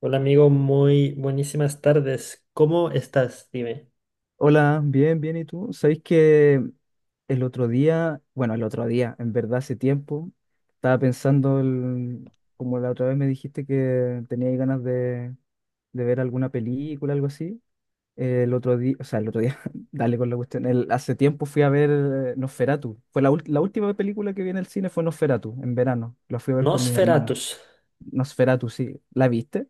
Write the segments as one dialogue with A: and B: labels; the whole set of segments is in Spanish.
A: Hola amigo, muy buenísimas tardes. ¿Cómo estás? Dime.
B: Hola, bien, bien, ¿y tú? ¿Sabéis que el otro día, bueno, el otro día, en verdad hace tiempo, estaba pensando, como la otra vez me dijiste que teníais ganas de ver alguna película, algo así, el otro día, o sea, el otro día, dale con la cuestión, hace tiempo fui a ver Nosferatu, fue la última película que vi en el cine fue Nosferatu, en verano, la fui a ver con mis hermanos,
A: Nosferatus.
B: Nosferatu, sí, ¿la viste?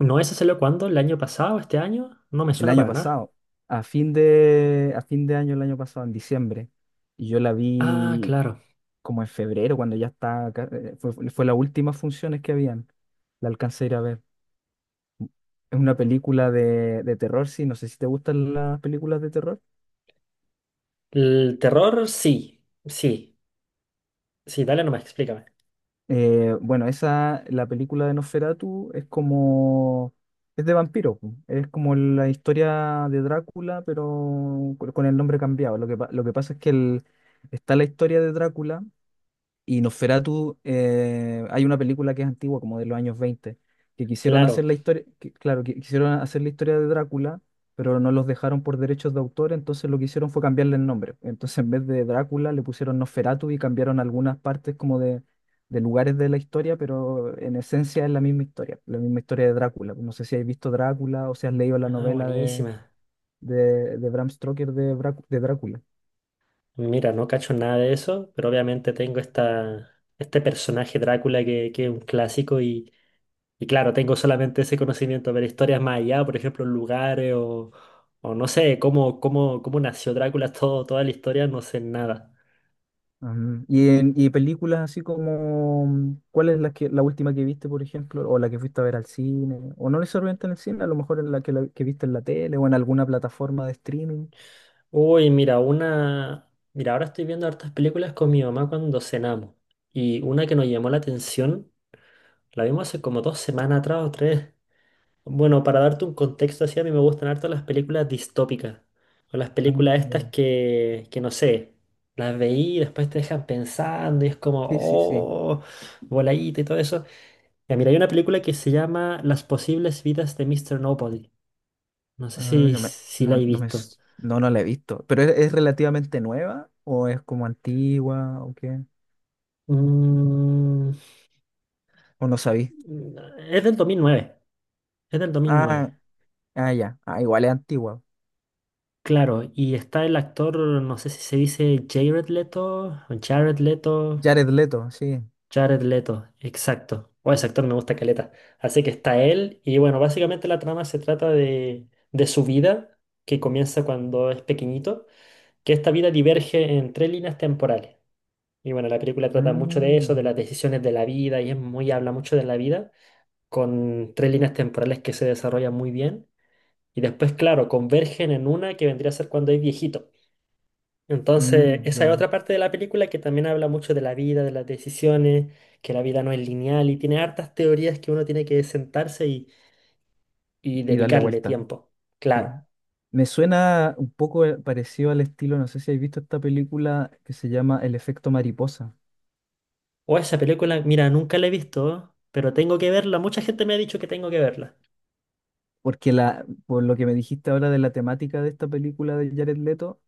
A: ¿No ese salió cuándo? ¿El año pasado? ¿Este año? No me
B: El
A: suena
B: año
A: para nada.
B: pasado, a fin de año el año pasado, en diciembre, y yo la
A: Ah,
B: vi
A: claro.
B: como en febrero, cuando ya está, fue las últimas funciones que habían, la alcancé a ir a ver. Es una película de terror, sí, no sé si te gustan las películas de terror.
A: El terror, sí. Sí. Sí, dale nomás, explícame.
B: La película de Nosferatu es como, es de vampiro, pu. Es como la historia de Drácula, pero con el nombre cambiado. Lo que pasa es que está la historia de Drácula. Y Nosferatu, hay una película que es antigua, como de los años 20, que quisieron hacer
A: Claro.
B: la historia, claro, que quisieron hacer la historia de Drácula, pero no los dejaron por derechos de autor. Entonces lo que hicieron fue cambiarle el nombre. Entonces en vez de Drácula le pusieron Nosferatu y cambiaron algunas partes como de lugares de la historia, pero en esencia es la misma historia de Drácula. No sé si habéis visto Drácula o si has leído la
A: Ah,
B: novela
A: buenísima.
B: de Bram Stoker de Drácula.
A: Mira, no cacho nada de eso, pero obviamente tengo esta, este personaje Drácula que es un clásico. Y claro, tengo solamente ese conocimiento, pero historias más allá, por ejemplo, lugares o no sé, cómo nació Drácula, todo, toda la historia, no sé nada.
B: Ujú. Y películas así como, ¿cuál es la última que viste, por ejemplo, o la que fuiste a ver al cine, o no necesariamente en el cine, a lo mejor en que viste en la tele o en alguna plataforma de streaming?
A: Uy, mira, una... Mira, ahora estoy viendo hartas películas con mi mamá cuando cenamos. Y una que nos llamó la atención, la vimos hace como dos semanas atrás o tres. Bueno, para darte un contexto así, a mí me gustan harto las películas distópicas. O las
B: Ah,
A: películas
B: ya.
A: estas que no sé, las veí y después te dejan pensando y es como,
B: Sí, sí, sí.
A: oh, voladita y todo eso. Ya, mira, hay una película que se llama Las posibles vidas de Mr. Nobody. No sé
B: Ah,
A: si,
B: no me,
A: si la
B: no,
A: he
B: no me,
A: visto.
B: s- no, no la he visto. ¿Pero es relativamente nueva o es como antigua o qué?
A: Mm,
B: ¿O no sabí?
A: es del 2009. Es del 2009.
B: Ah, ah, ya. Ah, igual es antigua.
A: Claro, y está el actor, no sé si se dice Jared Leto o Jared Leto.
B: Jared Leto, sí.
A: Jared Leto, exacto. O ese actor me gusta caleta. Así que está él. Y bueno, básicamente la trama se trata de su vida, que comienza cuando es pequeñito, que esta vida diverge en tres líneas temporales. Y bueno, la película trata mucho de eso, de
B: Mm,
A: las decisiones de la vida, y es muy, habla mucho de la vida, con tres líneas temporales que se desarrollan muy bien. Y después, claro, convergen en una que vendría a ser cuando es viejito. Entonces,
B: mm,
A: esa es
B: ya.
A: otra parte de la película que también habla mucho de la vida, de las decisiones, que la vida no es lineal y tiene hartas teorías que uno tiene que sentarse y
B: Y darle
A: dedicarle
B: vuelta.
A: tiempo.
B: Sí.
A: Claro.
B: Me suena un poco parecido al estilo, no sé si habéis visto esta película que se llama El efecto mariposa,
A: O esa película, mira, nunca la he visto, pero tengo que verla. Mucha gente me ha dicho que tengo que verla.
B: porque por lo que me dijiste ahora de la temática de esta película de Jared Leto,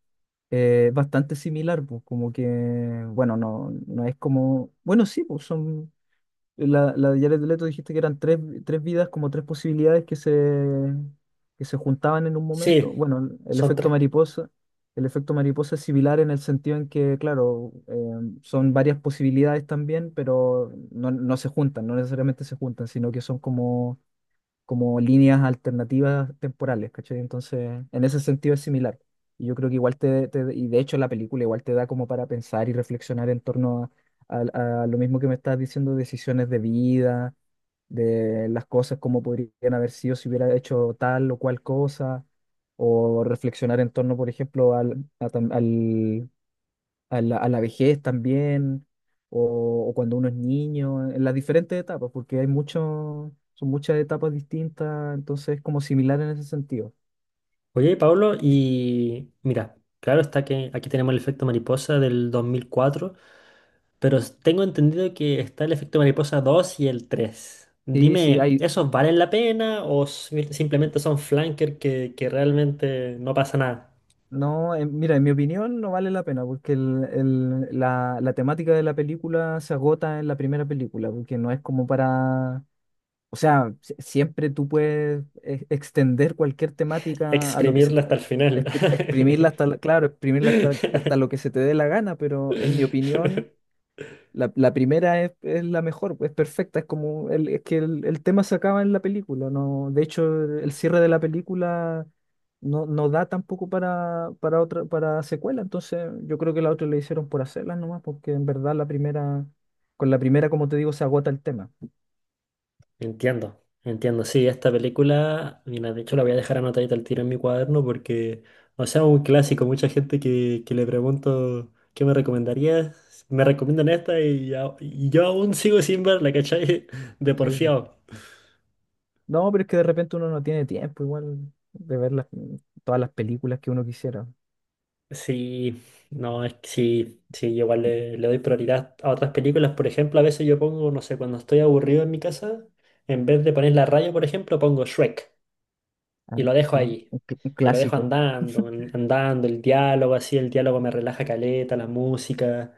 B: es bastante similar, pues como que, bueno, no, no es como, bueno, sí, pues son... La de Jared Leto dijiste que eran tres vidas, como tres posibilidades que se juntaban en un momento.
A: Sí,
B: Bueno,
A: son tres.
B: el efecto mariposa es similar en el sentido en que, claro, son varias posibilidades también, pero no, no se juntan, no necesariamente se juntan, sino que son como como líneas alternativas temporales, ¿cachai? Entonces, en ese sentido es similar. Y yo creo que igual y de hecho la película igual te da como para pensar y reflexionar en torno a lo mismo que me estás diciendo, decisiones de vida, de las cosas como podrían haber sido si hubiera hecho tal o cual cosa, o reflexionar en torno, por ejemplo, al a a la vejez también, o cuando uno es niño, en las diferentes etapas, porque hay mucho, son muchas etapas distintas, entonces es como similar en ese sentido.
A: Oye, Pablo, y mira, claro está que aquí tenemos el efecto mariposa del 2004. Pero s- tengo entendido que está el efecto mariposa 2 y el 3.
B: Sí, sí,
A: Dime,
B: hay,
A: ¿esos valen la pena o si- simplemente son flanker que realmente no pasa nada?
B: no, mira, en mi opinión no vale la pena, porque la temática de la película se agota en la primera película, porque no es como para... O sea, siempre tú puedes extender cualquier temática a lo que se,
A: Exprimirla hasta el final.
B: exprimirla claro, exprimirla hasta, hasta lo que se te dé la gana, pero en mi opinión, la primera es la mejor, pues, es perfecta, es como el, es que el tema se acaba en la película, no, de hecho el cierre de la película no, no da tampoco para, para otra, para secuela, entonces yo creo que la otra le hicieron por hacerlas nomás, porque en verdad la primera, con la primera como te digo, se agota el tema.
A: Entiendo, entiendo. Sí, esta película, mira, de hecho la voy a dejar anotadita al tiro en mi cuaderno porque, o sea, un clásico. Mucha gente que le pregunto qué me recomendarías, me recomiendan esta y, ya- y yo aún sigo sin verla, ¿cachai? De
B: Sí, po.
A: porfiado.
B: No, pero es que de repente uno no tiene tiempo igual de ver todas las películas que uno quisiera.
A: Sí, no, es que sí, yo igual le, le doy prioridad a otras películas. Por ejemplo, a veces yo pongo, no sé, cuando estoy aburrido en mi casa, en vez de poner la radio, por ejemplo, pongo Shrek
B: Ah,
A: y lo dejo
B: sí,
A: ahí.
B: un
A: Y lo dejo
B: clásico.
A: andando, an- andando, el diálogo, así, el diálogo me relaja caleta, la música.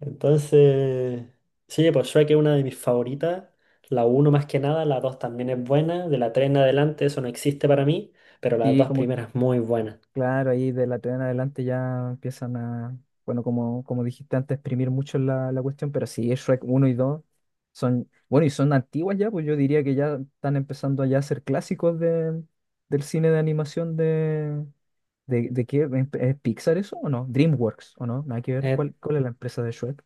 A: Entonces, sí, pues Shrek es una de mis favoritas. La uno más que nada, la 2 también es buena. De la 3 en adelante, eso no existe para mí, pero las
B: Sí,
A: dos
B: como...
A: primeras muy buenas.
B: Claro, ahí de la TVN en adelante ya empiezan a, bueno, como, como dijiste antes, exprimir mucho la cuestión, pero sí, Shrek uno y 2 son, bueno, y son antiguas ya, pues yo diría que ya están empezando ya a ser clásicos de, del cine de animación de qué, ¿es Pixar eso o no? DreamWorks, ¿o no? Nada que ver,
A: Eh,
B: ¿cuál es la empresa de Shrek?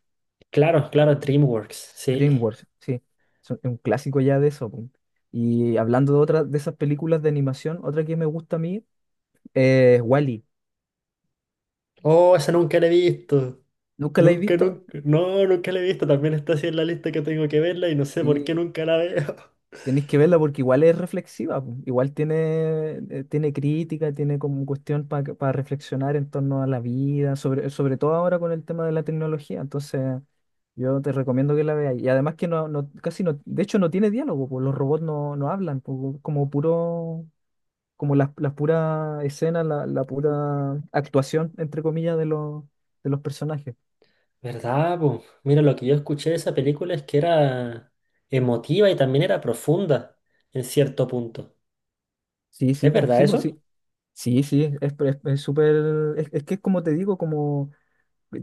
A: claro, claro, DreamWorks, sí.
B: DreamWorks, sí, son es un clásico ya de eso, pues. Y hablando de otra, de esas películas de animación, otra que me gusta a mí es Wall-E.
A: Oh, esa nunca la he visto.
B: ¿Nunca la he
A: Nunca,
B: visto?
A: nunca. No, nunca la he visto. También está así en la lista que tengo que verla y no sé por qué
B: Sí,
A: nunca la veo.
B: tenéis que verla porque igual es reflexiva, po. Igual tiene, tiene crítica, tiene como cuestión para reflexionar en torno a la vida, sobre, sobre todo ahora con el tema de la tecnología. Entonces, yo te recomiendo que la veas. Y además que no, casi no, de hecho no tiene diálogo, po. Los robots no, no hablan, po. Como puro, como las puras escenas, la pura actuación, entre comillas, de los personajes.
A: ¿Verdad, po? Mira, lo que yo escuché de esa película es que era emotiva y también era profunda en cierto punto.
B: Sí, sí,
A: ¿Es
B: po,
A: verdad
B: sí, po,
A: eso?
B: sí. Sí, sí, es súper, es que es como te digo, como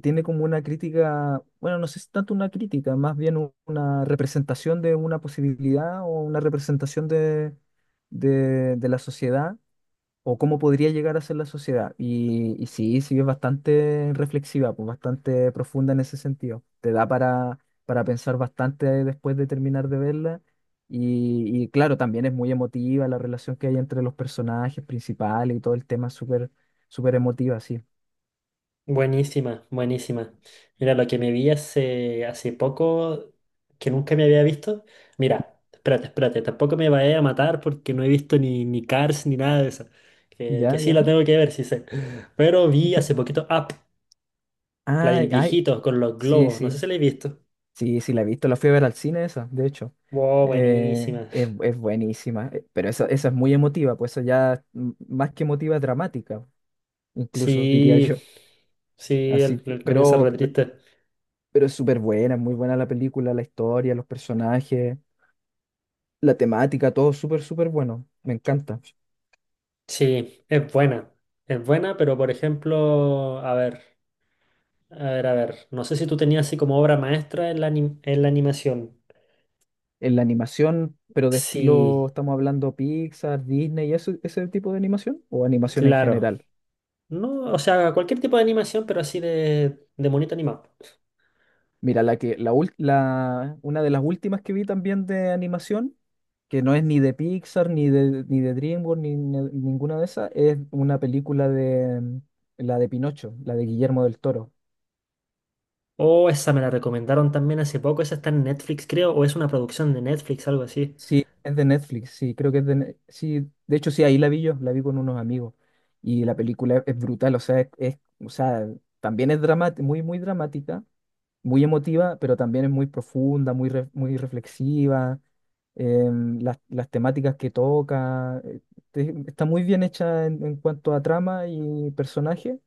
B: tiene como una crítica, bueno, no sé si tanto una crítica, más bien una representación de una posibilidad o una representación de la sociedad o cómo podría llegar a ser la sociedad. Y sí, sí es bastante reflexiva, pues bastante profunda en ese sentido. Te da para pensar bastante después de terminar de verla. Y claro, también es muy emotiva la relación que hay entre los personajes principales y todo el tema es súper, súper emotiva, sí.
A: Buenísima, buenísima. Mira, lo que me vi hace, hace poco, que nunca me había visto. Mira, espérate, espérate, tampoco me vaya a matar porque no he visto ni, ni Cars ni nada de eso. Que
B: Ya,
A: sí
B: ya.
A: la tengo que ver, sí sé. Pero vi hace poquito Up, la
B: Ah,
A: del viejito con los
B: sí,
A: globos. No
B: sí,
A: sé si la he visto.
B: sí, sí, la he visto, la fui a ver al cine esa, de hecho.
A: Wow, buenísima.
B: Es buenísima, pero esa es muy emotiva, pues eso ya mm, más que emotiva, es dramática, incluso diría
A: Sí,
B: yo.
A: sí,
B: Así
A: el,
B: que,
A: el comienzo es re triste.
B: pero es súper buena, es muy buena la película, la historia, los personajes, la temática, todo súper, súper bueno, me encanta.
A: Sí, es buena. Es buena, pero por ejemplo, a ver. A ver, a ver, no sé si tú tenías así como obra maestra en la, anim- en la animación.
B: En la animación, pero de estilo,
A: Sí,
B: estamos hablando Pixar, Disney, eso, ese tipo de animación, o animación en
A: claro.
B: general.
A: No, o sea, cualquier tipo de animación, pero así de monito animado.
B: Mira, la que, la, ul- la- una de las últimas que vi también de animación, que no es ni de Pixar, ni de DreamWorks, ninguna de esas, es una película de mm, la de Pinocho, la de Guillermo del Toro.
A: Oh, esa me la recomendaron también hace poco. Esa está en Netflix, creo, o es una producción de Netflix, algo así.
B: Sí, es de Netflix, sí, creo que es de... Ne- Sí, de hecho sí, ahí la vi yo, la vi con unos amigos. Y la película es, brutal, o sea, o sea, también es dramática, muy, muy dramática, muy emotiva, pero también es muy profunda, muy, muy reflexiva. Em, las temáticas que toca, está muy bien hecha en cuanto a trama y personaje,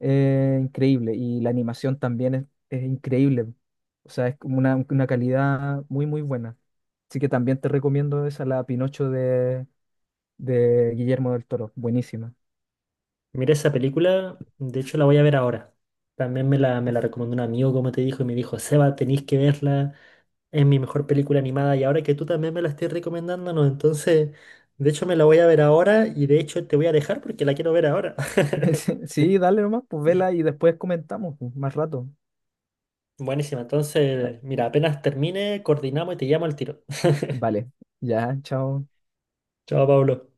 B: increíble. Y la animación también es increíble. O sea, es como una calidad muy, muy buena. Así que también te recomiendo esa, la Pinocho de Guillermo del Toro. Buenísima.
A: Mira esa película, de hecho la voy a ver ahora. También me la recomendó un amigo, como te dijo, y me dijo, Seba, tenéis que verla. Es mi mejor película animada y ahora que tú también me la estés recomendando, no, entonces, de hecho me la voy a ver ahora y de hecho te voy a dejar porque la quiero ver ahora.
B: Sí, sí dale nomás, pues vela y después comentamos pues, más rato.
A: Buenísima,
B: Eh,
A: entonces, mira, apenas termine, coordinamos y te llamo al tiro.
B: Vale, ya, chao.
A: Chao, Pablo.